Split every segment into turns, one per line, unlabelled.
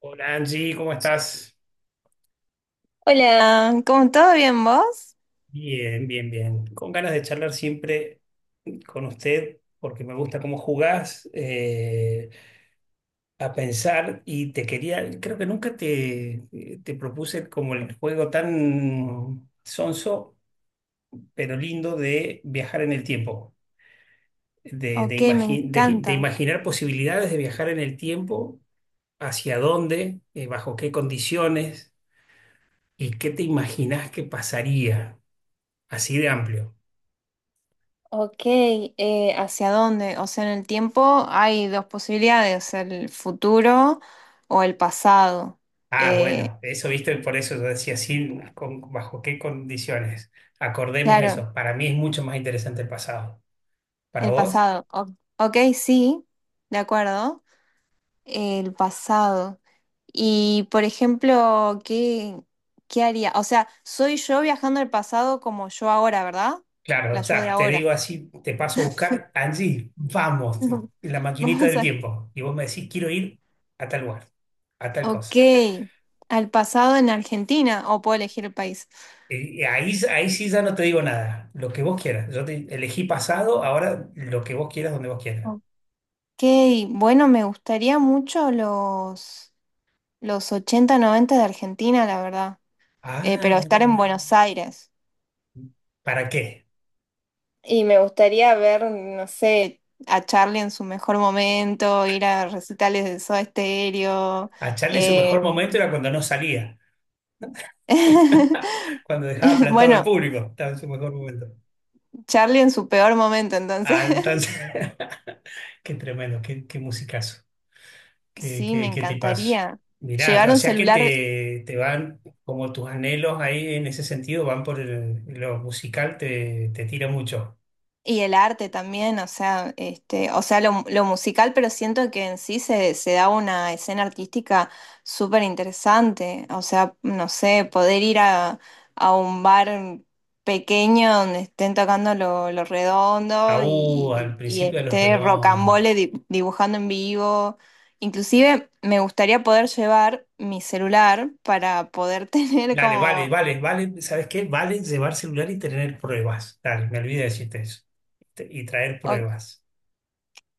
Hola Angie, ¿cómo estás?
Hola, ¿cómo todo bien vos?
Bien, bien, bien. Con ganas de charlar siempre con usted porque me gusta cómo jugás a pensar y te quería, creo que nunca te propuse como el juego tan sonso, pero lindo de viajar en el tiempo, de, de,
Ok, me
imagi- de- de
encanta.
imaginar posibilidades de viajar en el tiempo, hacia dónde, bajo qué condiciones y qué te imaginás que pasaría, así de amplio.
Ok, ¿hacia dónde? O sea, en el tiempo hay dos posibilidades, el futuro o el pasado.
Ah,
Eh,
bueno, eso viste, por eso yo decía, sí, con- bajo qué condiciones. Acordemos
claro,
eso. Para mí es mucho más interesante el pasado. ¿Para
el
vos?
pasado. Ok, sí, de acuerdo. El pasado. Y, por ejemplo, ¿qué haría? O sea, soy yo viajando al pasado como yo ahora, ¿verdad?
Claro,
La
o
yo de
sea, te
ahora.
digo así, te paso a buscar, Angie, vamos, en la maquinita
Vamos
del
a.
tiempo. Y vos me decís, quiero ir a tal lugar, a tal
Ok,
cosa.
al pasado en Argentina, o puedo elegir el país.
Y ahí, ahí sí ya no te digo nada, lo que vos quieras. Yo te elegí pasado, ahora lo que vos quieras, donde vos quieras.
Ok, bueno, me gustaría mucho los 80 90 de Argentina, la verdad.
Ah,
Pero
mira,
estar en
mira.
Buenos Aires.
¿Para qué?
Y me gustaría ver, no sé, a Charlie en su mejor momento, ir a recitales de Soda Stereo.
A Charlie su
eh,
mejor momento era cuando no salía. Cuando dejaba plantado al
Bueno,
público, estaba en su mejor momento.
Charlie en su peor momento, entonces.
Ah, entonces, qué tremendo, qué musicazo,
Sí, me
qué tipazo.
encantaría.
Mirá,
Llevar
o
un
sea que
celular.
te van, como tus anhelos ahí en ese sentido, van por el- lo musical, te tira mucho.
Y el arte también, o sea, este, o sea, lo musical, pero siento que en sí se da una escena artística súper interesante. O sea, no sé, poder ir a un bar pequeño donde estén tocando lo redondo
Aú, al
y
principio de los
esté
redondos.
Rocambole dibujando en vivo. Inclusive me gustaría poder llevar mi celular para poder tener
Dale, vale,
como.
vale, vale, ¿sabes qué? Vale llevar celular y tener pruebas. Dale, me olvidé de decirte eso. Te- Y traer pruebas.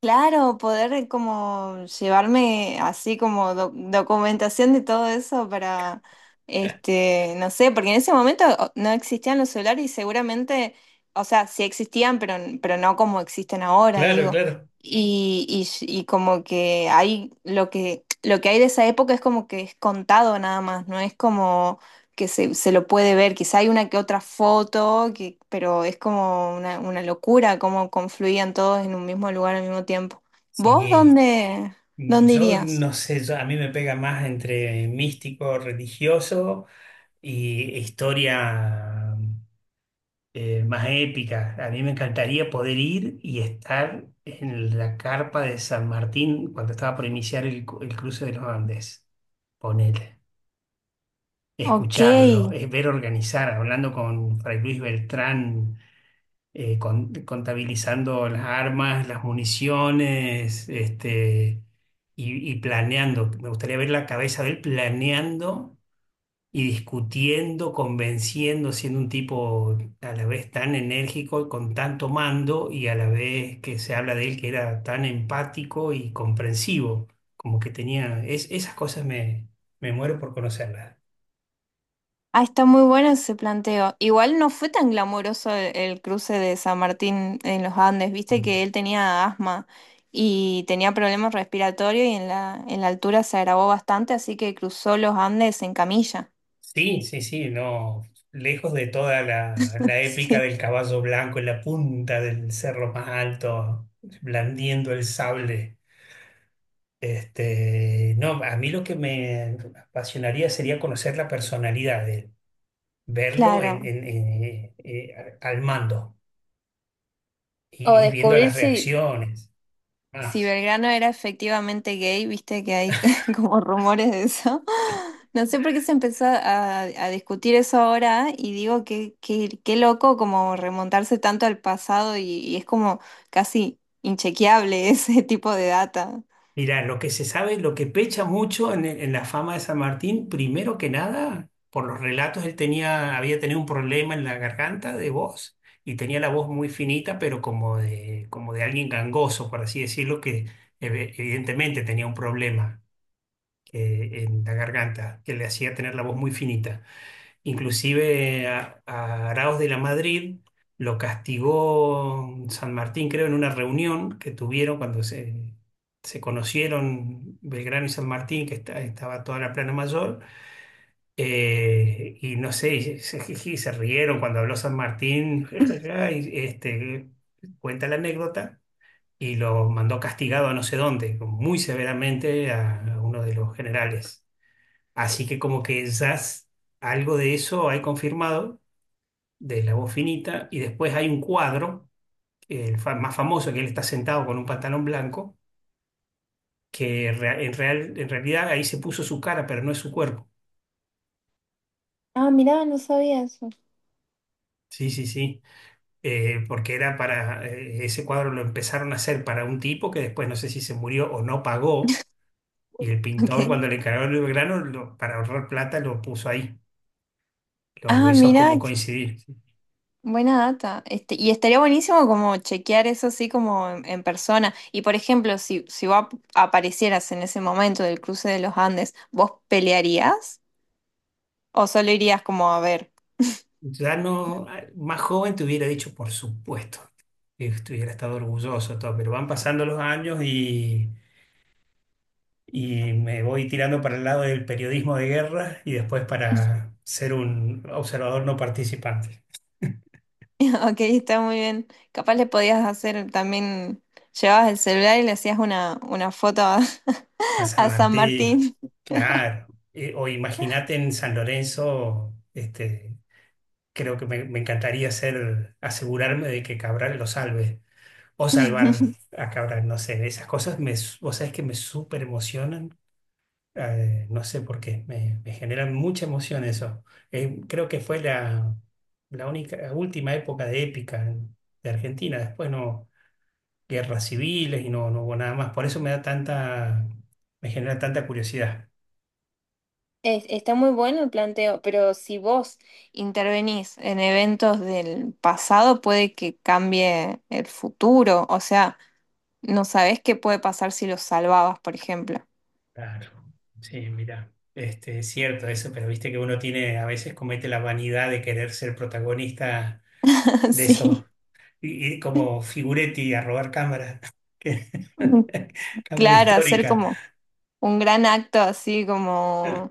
Claro, poder como llevarme así como documentación de todo eso para, este, no sé, porque en ese momento no existían los celulares y seguramente, o sea, sí existían, pero no como existen ahora,
Claro,
digo.
claro.
Y como que hay lo que hay de esa época es como que es contado nada más, no es como que se lo puede ver, quizá hay una que otra foto, pero es como una locura cómo confluían todos en un mismo lugar al mismo tiempo. ¿Vos
Sí,
dónde,
mm,
dónde
yo
irías?
no sé, yo- a mí me pega más entre místico, religioso y historia más épica. A mí me encantaría poder ir y estar en la carpa de San Martín cuando estaba por iniciar el, cu- el cruce de los Andes. Ponele.
Ok.
Escucharlo, ver organizar, hablando con Fray Luis Beltrán con- contabilizando las armas, las municiones, este, y planeando. Me gustaría ver la cabeza de él planeando y discutiendo, convenciendo, siendo un tipo a la vez tan enérgico, con tanto mando, y a la vez que se habla de él que era tan empático y comprensivo, como que tenía, es- esas cosas me, me muero por conocerlas.
Ah, está muy bueno ese planteo. Igual no fue tan glamoroso el cruce de San Martín en los Andes, viste que él tenía asma y tenía problemas respiratorios y en la altura se agravó bastante, así que cruzó los Andes en camilla.
Sí, sí, sí, no. Lejos de toda la épica
Sí,
del caballo blanco en la punta del cerro más alto, blandiendo el sable. Este, no, a mí lo que me apasionaría sería conocer la personalidad de él, verlo en,
claro.
en- en- eh, eh, al mando
O
y viendo
descubrir
las
si
reacciones.
Si
Más.
Belgrano era efectivamente gay, viste que hay como rumores de eso. No sé por qué se empezó a discutir eso ahora y digo que qué loco como remontarse tanto al pasado y es como casi inchequeable ese tipo de data.
Mirá, lo que se sabe, lo que pecha mucho en la fama de San Martín, primero que nada, por los relatos, él tenía, había tenido un problema en la garganta de voz y tenía la voz muy finita, pero como de alguien gangoso, por así decirlo, que ev- evidentemente tenía un problema en la garganta que le hacía tener la voz muy finita. Inclusive a Araoz de la Madrid lo castigó San Martín, creo, en una reunión que tuvieron cuando se conocieron Belgrano y San Martín, que esta- estaba toda la Plana Mayor, y no sé, y se, jiji, se rieron cuando habló San Martín, y este, cuenta la anécdota, y lo mandó castigado a no sé dónde, muy severamente a uno de los generales. Así que como que ya s- algo de eso hay confirmado de la voz finita, y después hay un cuadro, el fa- más famoso, que él está sentado con un pantalón blanco, que rea- en, real- en realidad ahí se puso su cara, pero no es su cuerpo.
Ah, mirá, no sabía eso.
Sí, sí, sí, eh, porque era para, ese cuadro lo empezaron a hacer para un tipo que después no sé si se murió o no pagó, y el pintor
Ok.
cuando le encargaron el grano, lo- para ahorrar plata, lo puso ahí, lo
Ah,
hizo
mira,
como coincidir.
buena data. Este, y estaría buenísimo como chequear eso así como en persona. Y por ejemplo, si vos aparecieras en ese momento del cruce de los Andes, ¿vos pelearías? ¿O solo irías como a ver?
Ya no, más joven te hubiera dicho, por supuesto, que estuviera estado orgulloso, todo, pero van pasando los años y me voy tirando para el lado del periodismo de guerra y después para ser un observador no participante.
Ok, está muy bien. Capaz le podías hacer también, llevabas el celular y le hacías una foto
A San
a San
Martín,
Martín.
claro. O imagínate en San Lorenzo, este, creo que me encantaría ser, asegurarme de que Cabral lo salve o salvar a Cabral, no sé, esas cosas me, s- vos sabés que me súper emocionan no sé por qué, me generan mucha emoción eso. Creo que fue la, la única, la última época de épica en- de Argentina. Después no, guerras civiles y no, no hubo nada más. Por eso me da tanta, me genera tanta curiosidad.
Está muy bueno el planteo, pero si vos intervenís en eventos del pasado, puede que cambie el futuro. O sea, no sabés qué puede pasar si los salvabas, por ejemplo.
Claro, sí, mira, este, es cierto eso, pero viste que uno tiene, a veces comete la vanidad de querer ser protagonista de esos,
Sí,
y- ir como figuretti a robar cámaras que- cámara
claro, hacer
histórica.
como un gran acto así como,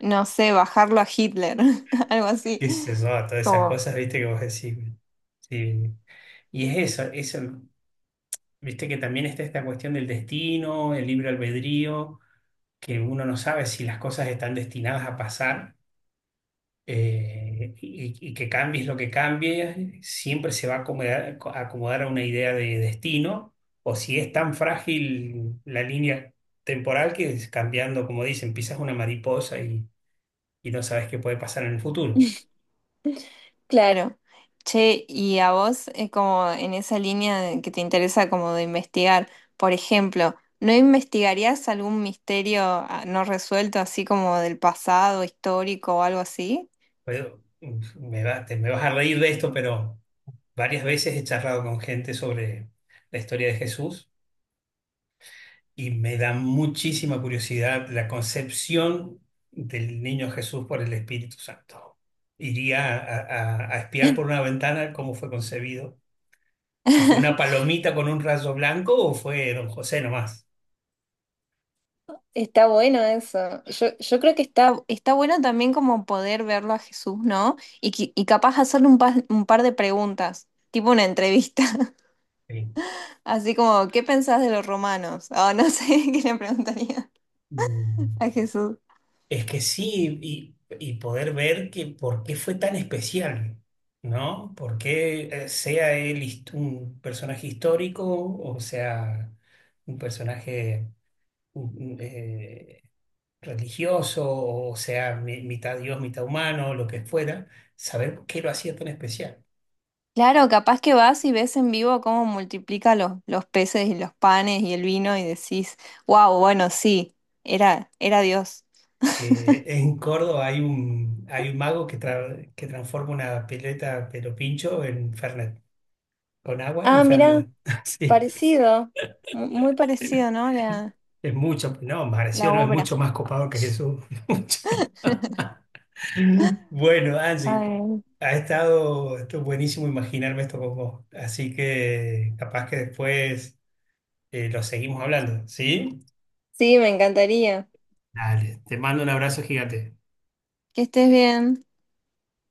no sé, bajarlo a Hitler, algo así,
Qué sé yo, todas esas
como.
cosas, viste, que vos decís. Sí. Y es eso, eso, viste que también está esta cuestión del destino, el libre albedrío, que uno no sabe si las cosas están destinadas a pasar y que cambies lo que cambie, siempre se va a acomodar, a acomodar a una idea de destino, o si es tan frágil la línea temporal que es cambiando, como dicen, pisas una mariposa y no sabes qué puede pasar en el futuro.
Claro. Che, y a vos, como en esa línea que te interesa como de investigar, por ejemplo, ¿no investigarías algún misterio no resuelto, así como del pasado, histórico o algo así?
Pero, mm, me va- te me vas a reír de esto, pero varias veces he charlado con gente sobre la historia de Jesús y me da muchísima curiosidad la concepción del niño Jesús por el Espíritu Santo. Iría a espiar por una ventana cómo fue concebido, si fue una palomita con un rayo blanco o fue don José nomás.
Está bueno eso. Yo creo que está bueno también como poder verlo a Jesús, ¿no? Y capaz hacerle un par de preguntas, tipo una entrevista,
Sí.
así como, ¿qué pensás de los romanos? O no sé, ¿qué le preguntaría
Mm.
a Jesús?
Es que sí, y poder ver que por qué fue tan especial, ¿no? Por qué sea él hist- un personaje histórico o sea un personaje mm, eh, religioso o sea mi- mitad Dios, mitad humano, lo que fuera, saber por qué lo hacía tan especial.
Claro, capaz que vas y ves en vivo cómo multiplica los peces y los panes y el vino y decís, wow, bueno, sí, era Dios.
En Córdoba hay un mago que, tra- que transforma una pileta pero pincho en Fernet, con agua en
Ah, mirá,
Fernet. Sí.
parecido, muy parecido, ¿no? La,
Es mucho, no, Magressio
la
no es
obra.
mucho más copado que Jesús. Mucho. Bueno, Angie,
Ay,
ha estado, esto es buenísimo imaginarme esto con vos. Así que capaz que después lo seguimos hablando, ¿sí?
sí, me encantaría.
Dale, te mando un abrazo gigante.
Que estés bien.